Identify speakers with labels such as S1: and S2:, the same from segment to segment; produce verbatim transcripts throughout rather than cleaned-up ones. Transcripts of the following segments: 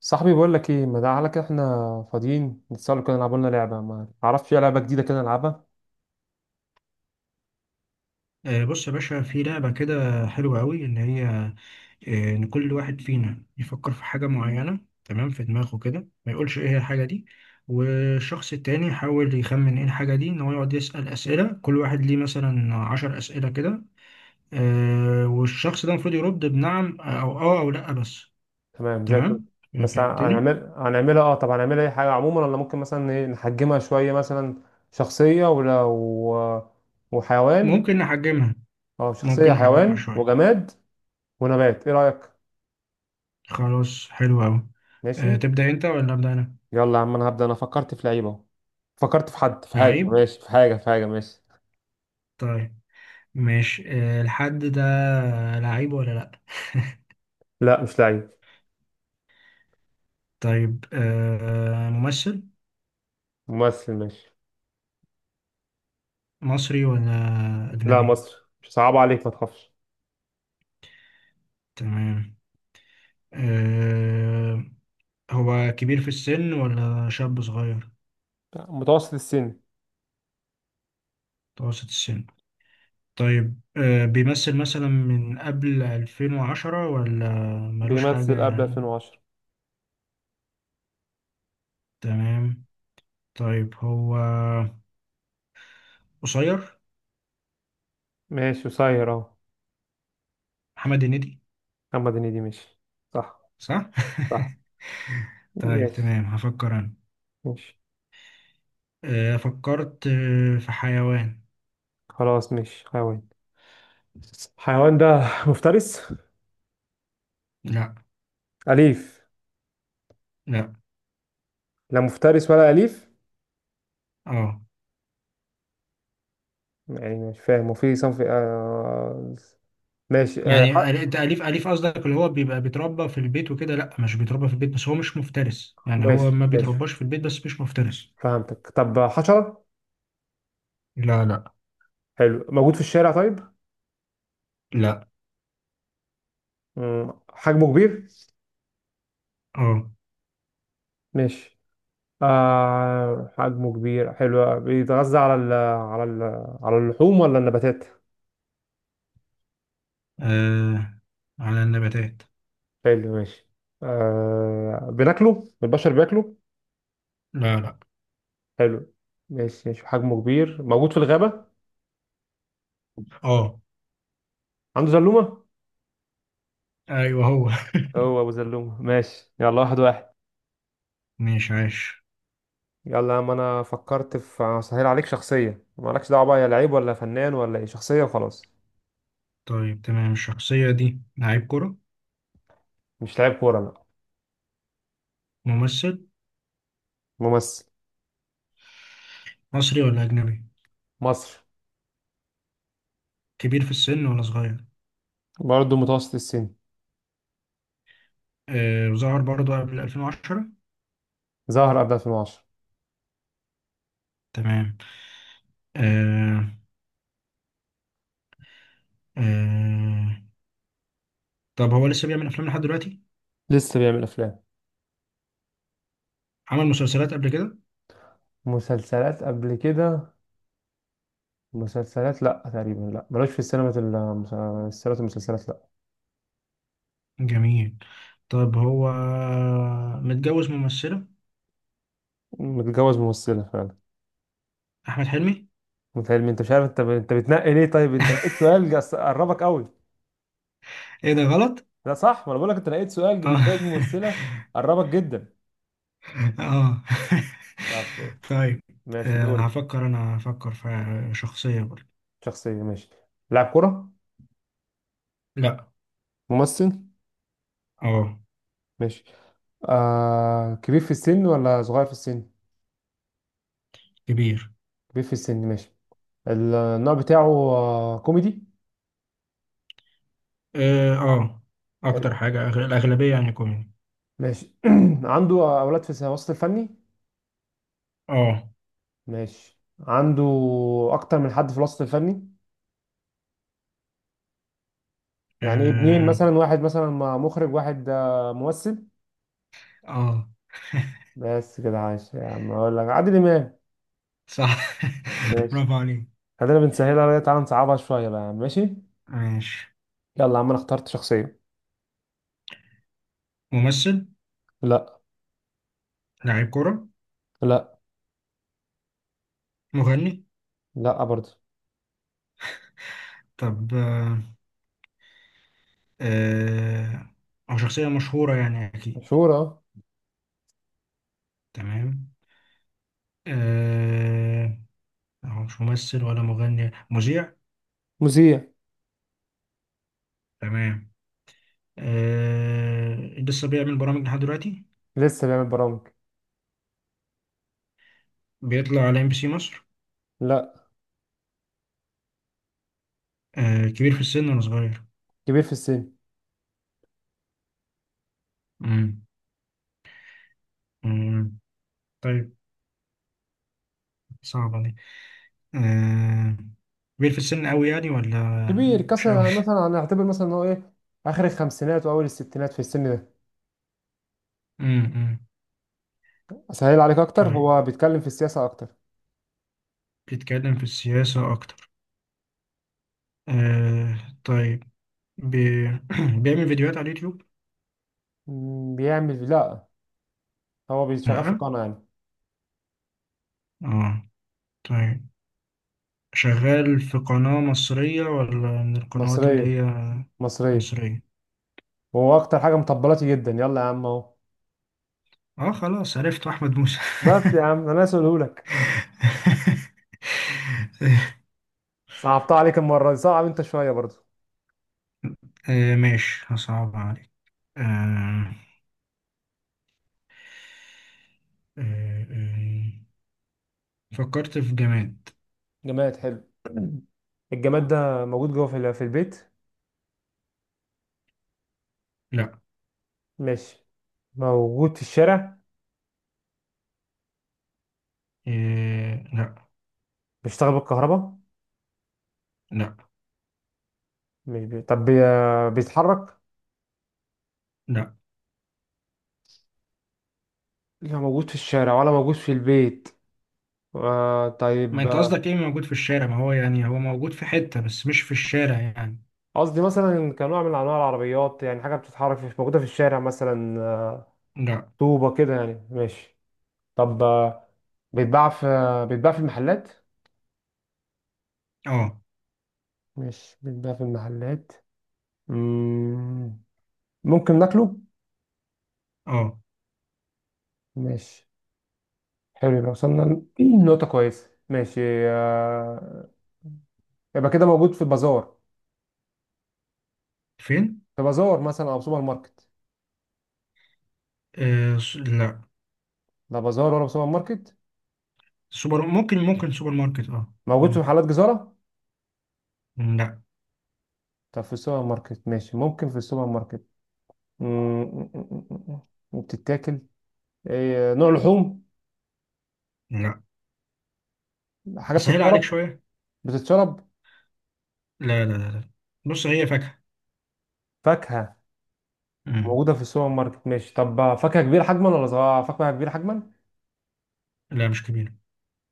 S1: صاحبي بقول لك ايه، ما تعالى كده. احنا فاضيين نتسأل كده، نلعب لنا لعبه. ما تعرفش اي لعبه جديده كده نلعبها؟
S2: آه، بص يا باشا، في لعبة كده حلوة قوي، إن هي آه، إن كل واحد فينا يفكر في حاجة معينة، تمام، في دماغه كده، ما يقولش إيه هي الحاجة دي، والشخص التاني يحاول يخمن إيه الحاجة دي، إن هو يقعد يسأل أسئلة، كل واحد ليه مثلا عشر أسئلة كده. آه، والشخص ده المفروض يرد بنعم أو آه أو لأ بس.
S1: تمام زي الفل.
S2: تمام.
S1: بس ه-
S2: فهمتني.
S1: هنعمل هنعملها اه طب هنعملها اي حاجه عموما، ولا ممكن مثلا ايه نحجمها شويه؟ مثلا شخصيه، ولا و... وحيوان.
S2: ممكن نحجمها.
S1: اه، شخصيه،
S2: ممكن نحجمها
S1: حيوان،
S2: شوية.
S1: وجماد، ونبات، ايه رايك؟
S2: خلاص حلو أوي.
S1: ماشي.
S2: آه، تبدأ أنت ولا أبدأ أنا؟
S1: يلا يا عم، انا هبدا. انا فكرت في لعيب اهو. فكرت في حد، في حاجه،
S2: عيب.
S1: ماشي، في حاجه في حاجه ماشي.
S2: طيب. ماشي. آه، الحد ده لعيب ولا لأ؟
S1: لا مش لعيب.
S2: طيب. آه، ممثل
S1: ممثل ماشي.
S2: مصري ولا
S1: لا
S2: أجنبي؟
S1: مصر، مش صعب عليك ما تخافش.
S2: تمام. آه، هو كبير في السن ولا شاب صغير؟
S1: متوسط السن.
S2: متوسط السن. طيب، آه، بيمثل مثلا من قبل ألفين وعشرة ولا ملوش
S1: بيمثل قبل
S2: حاجة؟
S1: ألفين وعشرة.
S2: تمام. طيب هو قصير.
S1: ماشي قصير اهو.
S2: محمد هنيدي.
S1: محمد هنيدي ماشي. صح.
S2: صح؟
S1: صح.
S2: طيب
S1: ماشي
S2: تمام هفكر أنا.
S1: ماشي.
S2: آه، فكرت آه، في حيوان.
S1: خلاص ماشي حيوان. حيوان ده مفترس؟
S2: لا،
S1: أليف؟
S2: لا.
S1: لا مفترس ولا أليف؟
S2: اه.
S1: يعني مش فاهم. وفي صنف آه... ماشي. آه...
S2: يعني أل- التأليف، أليف قصدك، اللي هو بيبقى بيتربى في البيت وكده؟ لا، مش بيتربى في البيت، بس هو مش مفترس. يعني هو
S1: ماشي
S2: ما
S1: ماشي.
S2: بيترباش في البيت بس مش مفترس.
S1: فهمتك. طب حشرة؟
S2: لا، لا،
S1: حلو. موجود في الشارع طيب؟
S2: لا.
S1: مم، حجمه كبير؟
S2: اه.
S1: ماشي. آه... حجمه كبير حلو. بيتغذى على ال... على ال... على اللحوم ولا النباتات؟
S2: آه، على النباتات.
S1: حلو ماشي. آه، بناكله البشر؟ بياكله.
S2: لا، لا.
S1: حلو. ماشي ماشي. حجمه كبير، موجود في الغابة،
S2: اه.
S1: عنده زلومة.
S2: ايوه هو.
S1: هو أبو زلومة. ماشي يلا، واحد واحد.
S2: ماشي. عاش.
S1: يلا يا عم، أنا فكرت في، هسهل عليك، شخصية. مالكش دعوة بقى يا لعيب ولا فنان ولا إيه، شخصية وخلاص.
S2: طيب، تمام، الشخصية دي لعيب كرة.
S1: مش لعيب كورة لا.
S2: ممثل.
S1: ممثل.
S2: مصري ولا أجنبي.
S1: مصري.
S2: كبير في السن ولا صغير.
S1: برضه متوسط السن.
S2: آه ظهر برضه قبل ألفين وعشرة.
S1: ظهر قبل ألفين وعشرة.
S2: تمام. آه آه طب هو لسه بيعمل أفلام لحد دلوقتي.
S1: لسه بيعمل أفلام.
S2: عمل مسلسلات قبل كده.
S1: مسلسلات قبل كده، مسلسلات لا تقريبا، لا ملوش في السينما. المس- السينما المسلسلات لا.
S2: جميل. طب هو متجوز ممثلة.
S1: متجوز ممثلة فعلا.
S2: أحمد حلمي.
S1: متهيألي انت مش عارف. انت انت بتنقي ليه؟ طيب انت نقيت سؤال جس- قربك قوي.
S2: إيه ده غلط؟
S1: لا صح، ما انا بقول لك، انت نقيت سؤال
S2: آه.
S1: متجوز ممثله، قربك جدا.
S2: آه.
S1: طب
S2: طيب،
S1: ماشي،
S2: آه
S1: دوري.
S2: هفكر أنا، هفكر في شخصية برضه.
S1: شخصيه ماشي. لاعب كره؟
S2: لا.
S1: ممثل
S2: آه
S1: ماشي. آه، كبير في السن ولا صغير في السن؟
S2: كبير.
S1: كبير في السن ماشي. النوع بتاعه آه كوميدي؟
S2: آه آه
S1: حلو
S2: أكتر حاجة أغ- الأغلبية يعني كوميدي.
S1: ماشي. عنده اولاد في الوسط الفني؟
S2: آه
S1: ماشي. عنده اكتر من حد في الوسط الفني، يعني ابنين
S2: آه
S1: مثلا، واحد مثلا مخرج، واحد آه ممثل.
S2: آه،
S1: بس كده، عايش يا عم، اقول لك عادل امام.
S2: صح.
S1: ماشي.
S2: برافو عليك.
S1: خلينا بنسهلها عليها، تعالى نصعبها شويه بقى يا عم. ماشي.
S2: ماشي.
S1: يلا يا عم انا اخترت شخصيه.
S2: ممثل.
S1: لا.
S2: لاعب كرة.
S1: لا.
S2: مغني.
S1: لا برضه.
S2: طب آه، آه، أو شخصية مشهورة يعني أكيد.
S1: مشهور اه.
S2: تمام. آه، هو مش ممثل ولا مغني. مذيع.
S1: مذيع.
S2: تمام. آه، لسه بيعمل برامج لحد دلوقتي.
S1: لسه بيعمل برامج.
S2: بيطلع على ام بي سي مصر.
S1: لا.
S2: آه، كبير في السن ولا صغير.
S1: كبير في السن.
S2: مم. مم. طيب. صعبة دي. آه، كبير في السن أوي يعني ولا
S1: كبير
S2: مش أوي.
S1: كسر، مثلا هنعتبر مثلا ان هو ايه، اخر الخمسينات واول الستينات في السن ده.
S2: مم. مم.
S1: اسهل عليك اكتر،
S2: طيب،
S1: هو بيتكلم في السياسه اكتر.
S2: بيتكلم في السياسة أكتر. آه، طيب بي... بيعمل فيديوهات على اليوتيوب.
S1: مم، بيعمل لا. هو بيشتغل في
S2: لأ.
S1: قناه يعني.
S2: اه. طيب، شغال في قناة مصرية ولا من القنوات اللي
S1: مصريه.
S2: هي
S1: مصريه.
S2: مصرية؟
S1: وهو اكتر حاجه مطبلاتي جدا. يلا يا عم اهو.
S2: اه، خلاص عرفت. أحمد موسى.
S1: بس يا عم انا اسالهولك. صعبتها عليك المرة دي، صعب انت شوية برضو.
S2: آه ماشي هصعب عليك. آه آه آه فكرت في جماد.
S1: جماد حلو. الجماد ده موجود جوه في ال- في البيت؟
S2: لا.
S1: ماشي. موجود في الشارع؟
S2: آه لا،
S1: بيشتغل بالكهرباء؟
S2: لا،
S1: مش بي... طب بي... بيتحرك؟
S2: لا.
S1: لا موجود في الشارع ولا موجود في البيت. آه
S2: ما
S1: طيب،
S2: انت
S1: آه،
S2: قصدك ايه موجود في الشارع؟ ما هو يعني هو موجود في حتة بس مش في الشارع يعني.
S1: قصدي مثلا كنوع من انواع العربيات، يعني حاجة بتتحرك، مش موجودة في الشارع مثلا. آه،
S2: لا.
S1: طوبة كده يعني؟ ماشي. طب آه، بيتباع في آه، بيتباع في المحلات؟
S2: اه.
S1: مش بيتباع في المحلات. مم، ممكن ناكله؟
S2: اه.
S1: ماشي حلو، يبقى وصلنا ل- دي نقطة كويسة. ماشي. آه، يبقى كده موجود في بازار؟
S2: فين؟
S1: في بازار مثلا أو سوبر ماركت.
S2: آه س- لا.
S1: لا بازار ولا سوبر ماركت؟
S2: سوبر. ممكن ممكن سوبر ماركت. اه.
S1: موجود في محلات جزارة؟
S2: لا،
S1: طب في السوبر ماركت ماشي، ممكن في السوبر ماركت. م- م- م- م- م- بتتاكل. إيه، نوع لحوم؟
S2: لا.
S1: حاجة
S2: اسهل عليك
S1: بتتشرب؟
S2: شويه.
S1: بتتشرب؟
S2: لا، لا، لا، لا. بص هي فاكهه.
S1: فاكهة.
S2: مم.
S1: موجودة في السوبر ماركت ماشي. طب فاكهة كبيرة حجما ولا صغيرة؟ فاكهة كبيرة حجما.
S2: لا مش كبيره.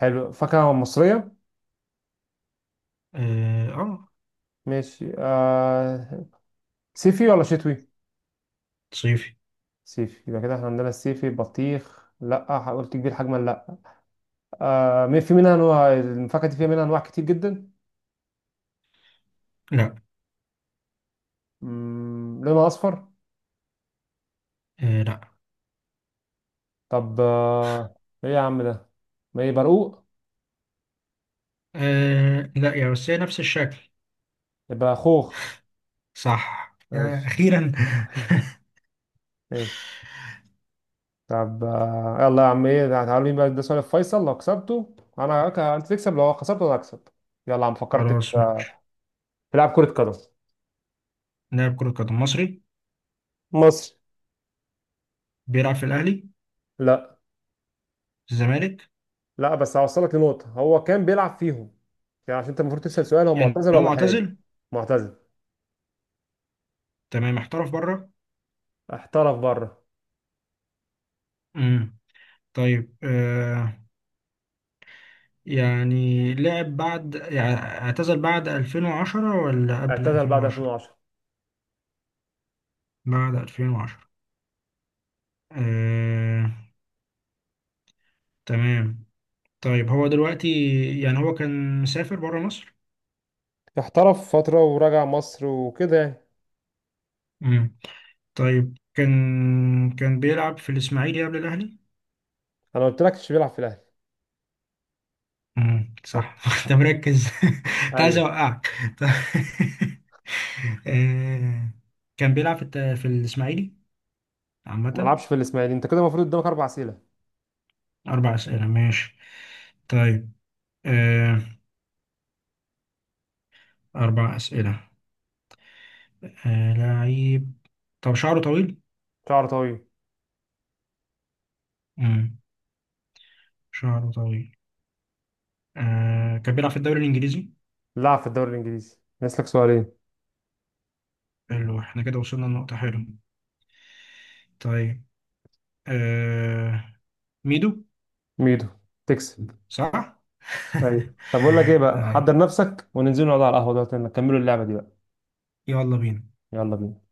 S1: حلو. فاكهة مصرية.
S2: اه. آه،
S1: ماشي آه... صيفي ولا شتوي؟
S2: صيفي.
S1: سيفي. يبقى كده احنا عندنا السيفي بطيخ، لا قلت كبير حجما لا. آه، مي- في منها انواع، الفاكهه دي فيها منها انواع كتير جدا.
S2: لا.
S1: مم، لونها اصفر؟
S2: آه لا.
S1: طب آه، ايه يا عم ده؟ ما ايه، برقوق؟
S2: آه لا يا، بس هي نفس الشكل.
S1: يبقى خوخ.
S2: صح يا
S1: ماشي.
S2: اخيرا.
S1: ماشي. طب آه، يلا يا عم، ايه تعالوا مين بقى ده، سؤال فيصل، لو كسبته انا هك- انت تكسب، لو خسرته انا هكسب. يلا يا عم، فكرت في
S2: خلاص
S1: آه،
S2: ماشي.
S1: في لعب كره قدم.
S2: لاعب كره قدم مصري.
S1: مصر.
S2: بيلعب في الاهلي.
S1: لا.
S2: في الزمالك.
S1: لا بس هوصلك لنقطة، هو كان بيلعب فيهم. يعني عشان انت المفروض تسأل سؤال هو
S2: يعني
S1: معتزل
S2: هو
S1: ولا حالي.
S2: معتزل.
S1: معتزل.
S2: تمام، احترف بره.
S1: احترف بره.
S2: امم طيب، آه يعني لعب بعد يعني اعتزل بعد ألفين وعشرة ولا قبل
S1: اعتزل بعد
S2: ألفين وعشرة؟
S1: ألفين وعشرة.
S2: بعد ألفين وعشرة. آه، تمام. طيب هو دلوقتي، يعني هو كان مسافر بره مصر.
S1: احترف فترة ورجع مصر وكده يعني.
S2: امم طيب كان، كان بيلعب في الإسماعيلي قبل الأهلي.
S1: انا قلت لك مش بيلعب في الاهلي.
S2: امم، صح. انت مركز. كنت عايز
S1: ايوه.
S2: اوقعك. طيب. آه، كان بيلعب في الت- في الإسماعيلي
S1: ما
S2: عامة.
S1: لعبش في الاسماعيلي. انت كده المفروض قدامك اربع اسئله.
S2: أربع أسئلة ماشي. طيب، آه، أربع أسئلة. آه، لعيب. طب شعره طويل.
S1: شعر طويل.
S2: امم شعره طويل. آه، كان بيلعب في الدوري الإنجليزي.
S1: لعب في الدوري الانجليزي. نسلك سؤالين.
S2: حلو، احنا كده وصلنا لنقطة حلوة. طيب، آه... ميدو.
S1: ميدو. تكسب.
S2: صح؟
S1: ايوه. طب اقول لك ايه بقى، حضر
S2: طيب.
S1: نفسك وننزل نقعد على القهوه دلوقتي نكملوا اللعبه دي بقى.
S2: يلا بينا.
S1: يلا بينا.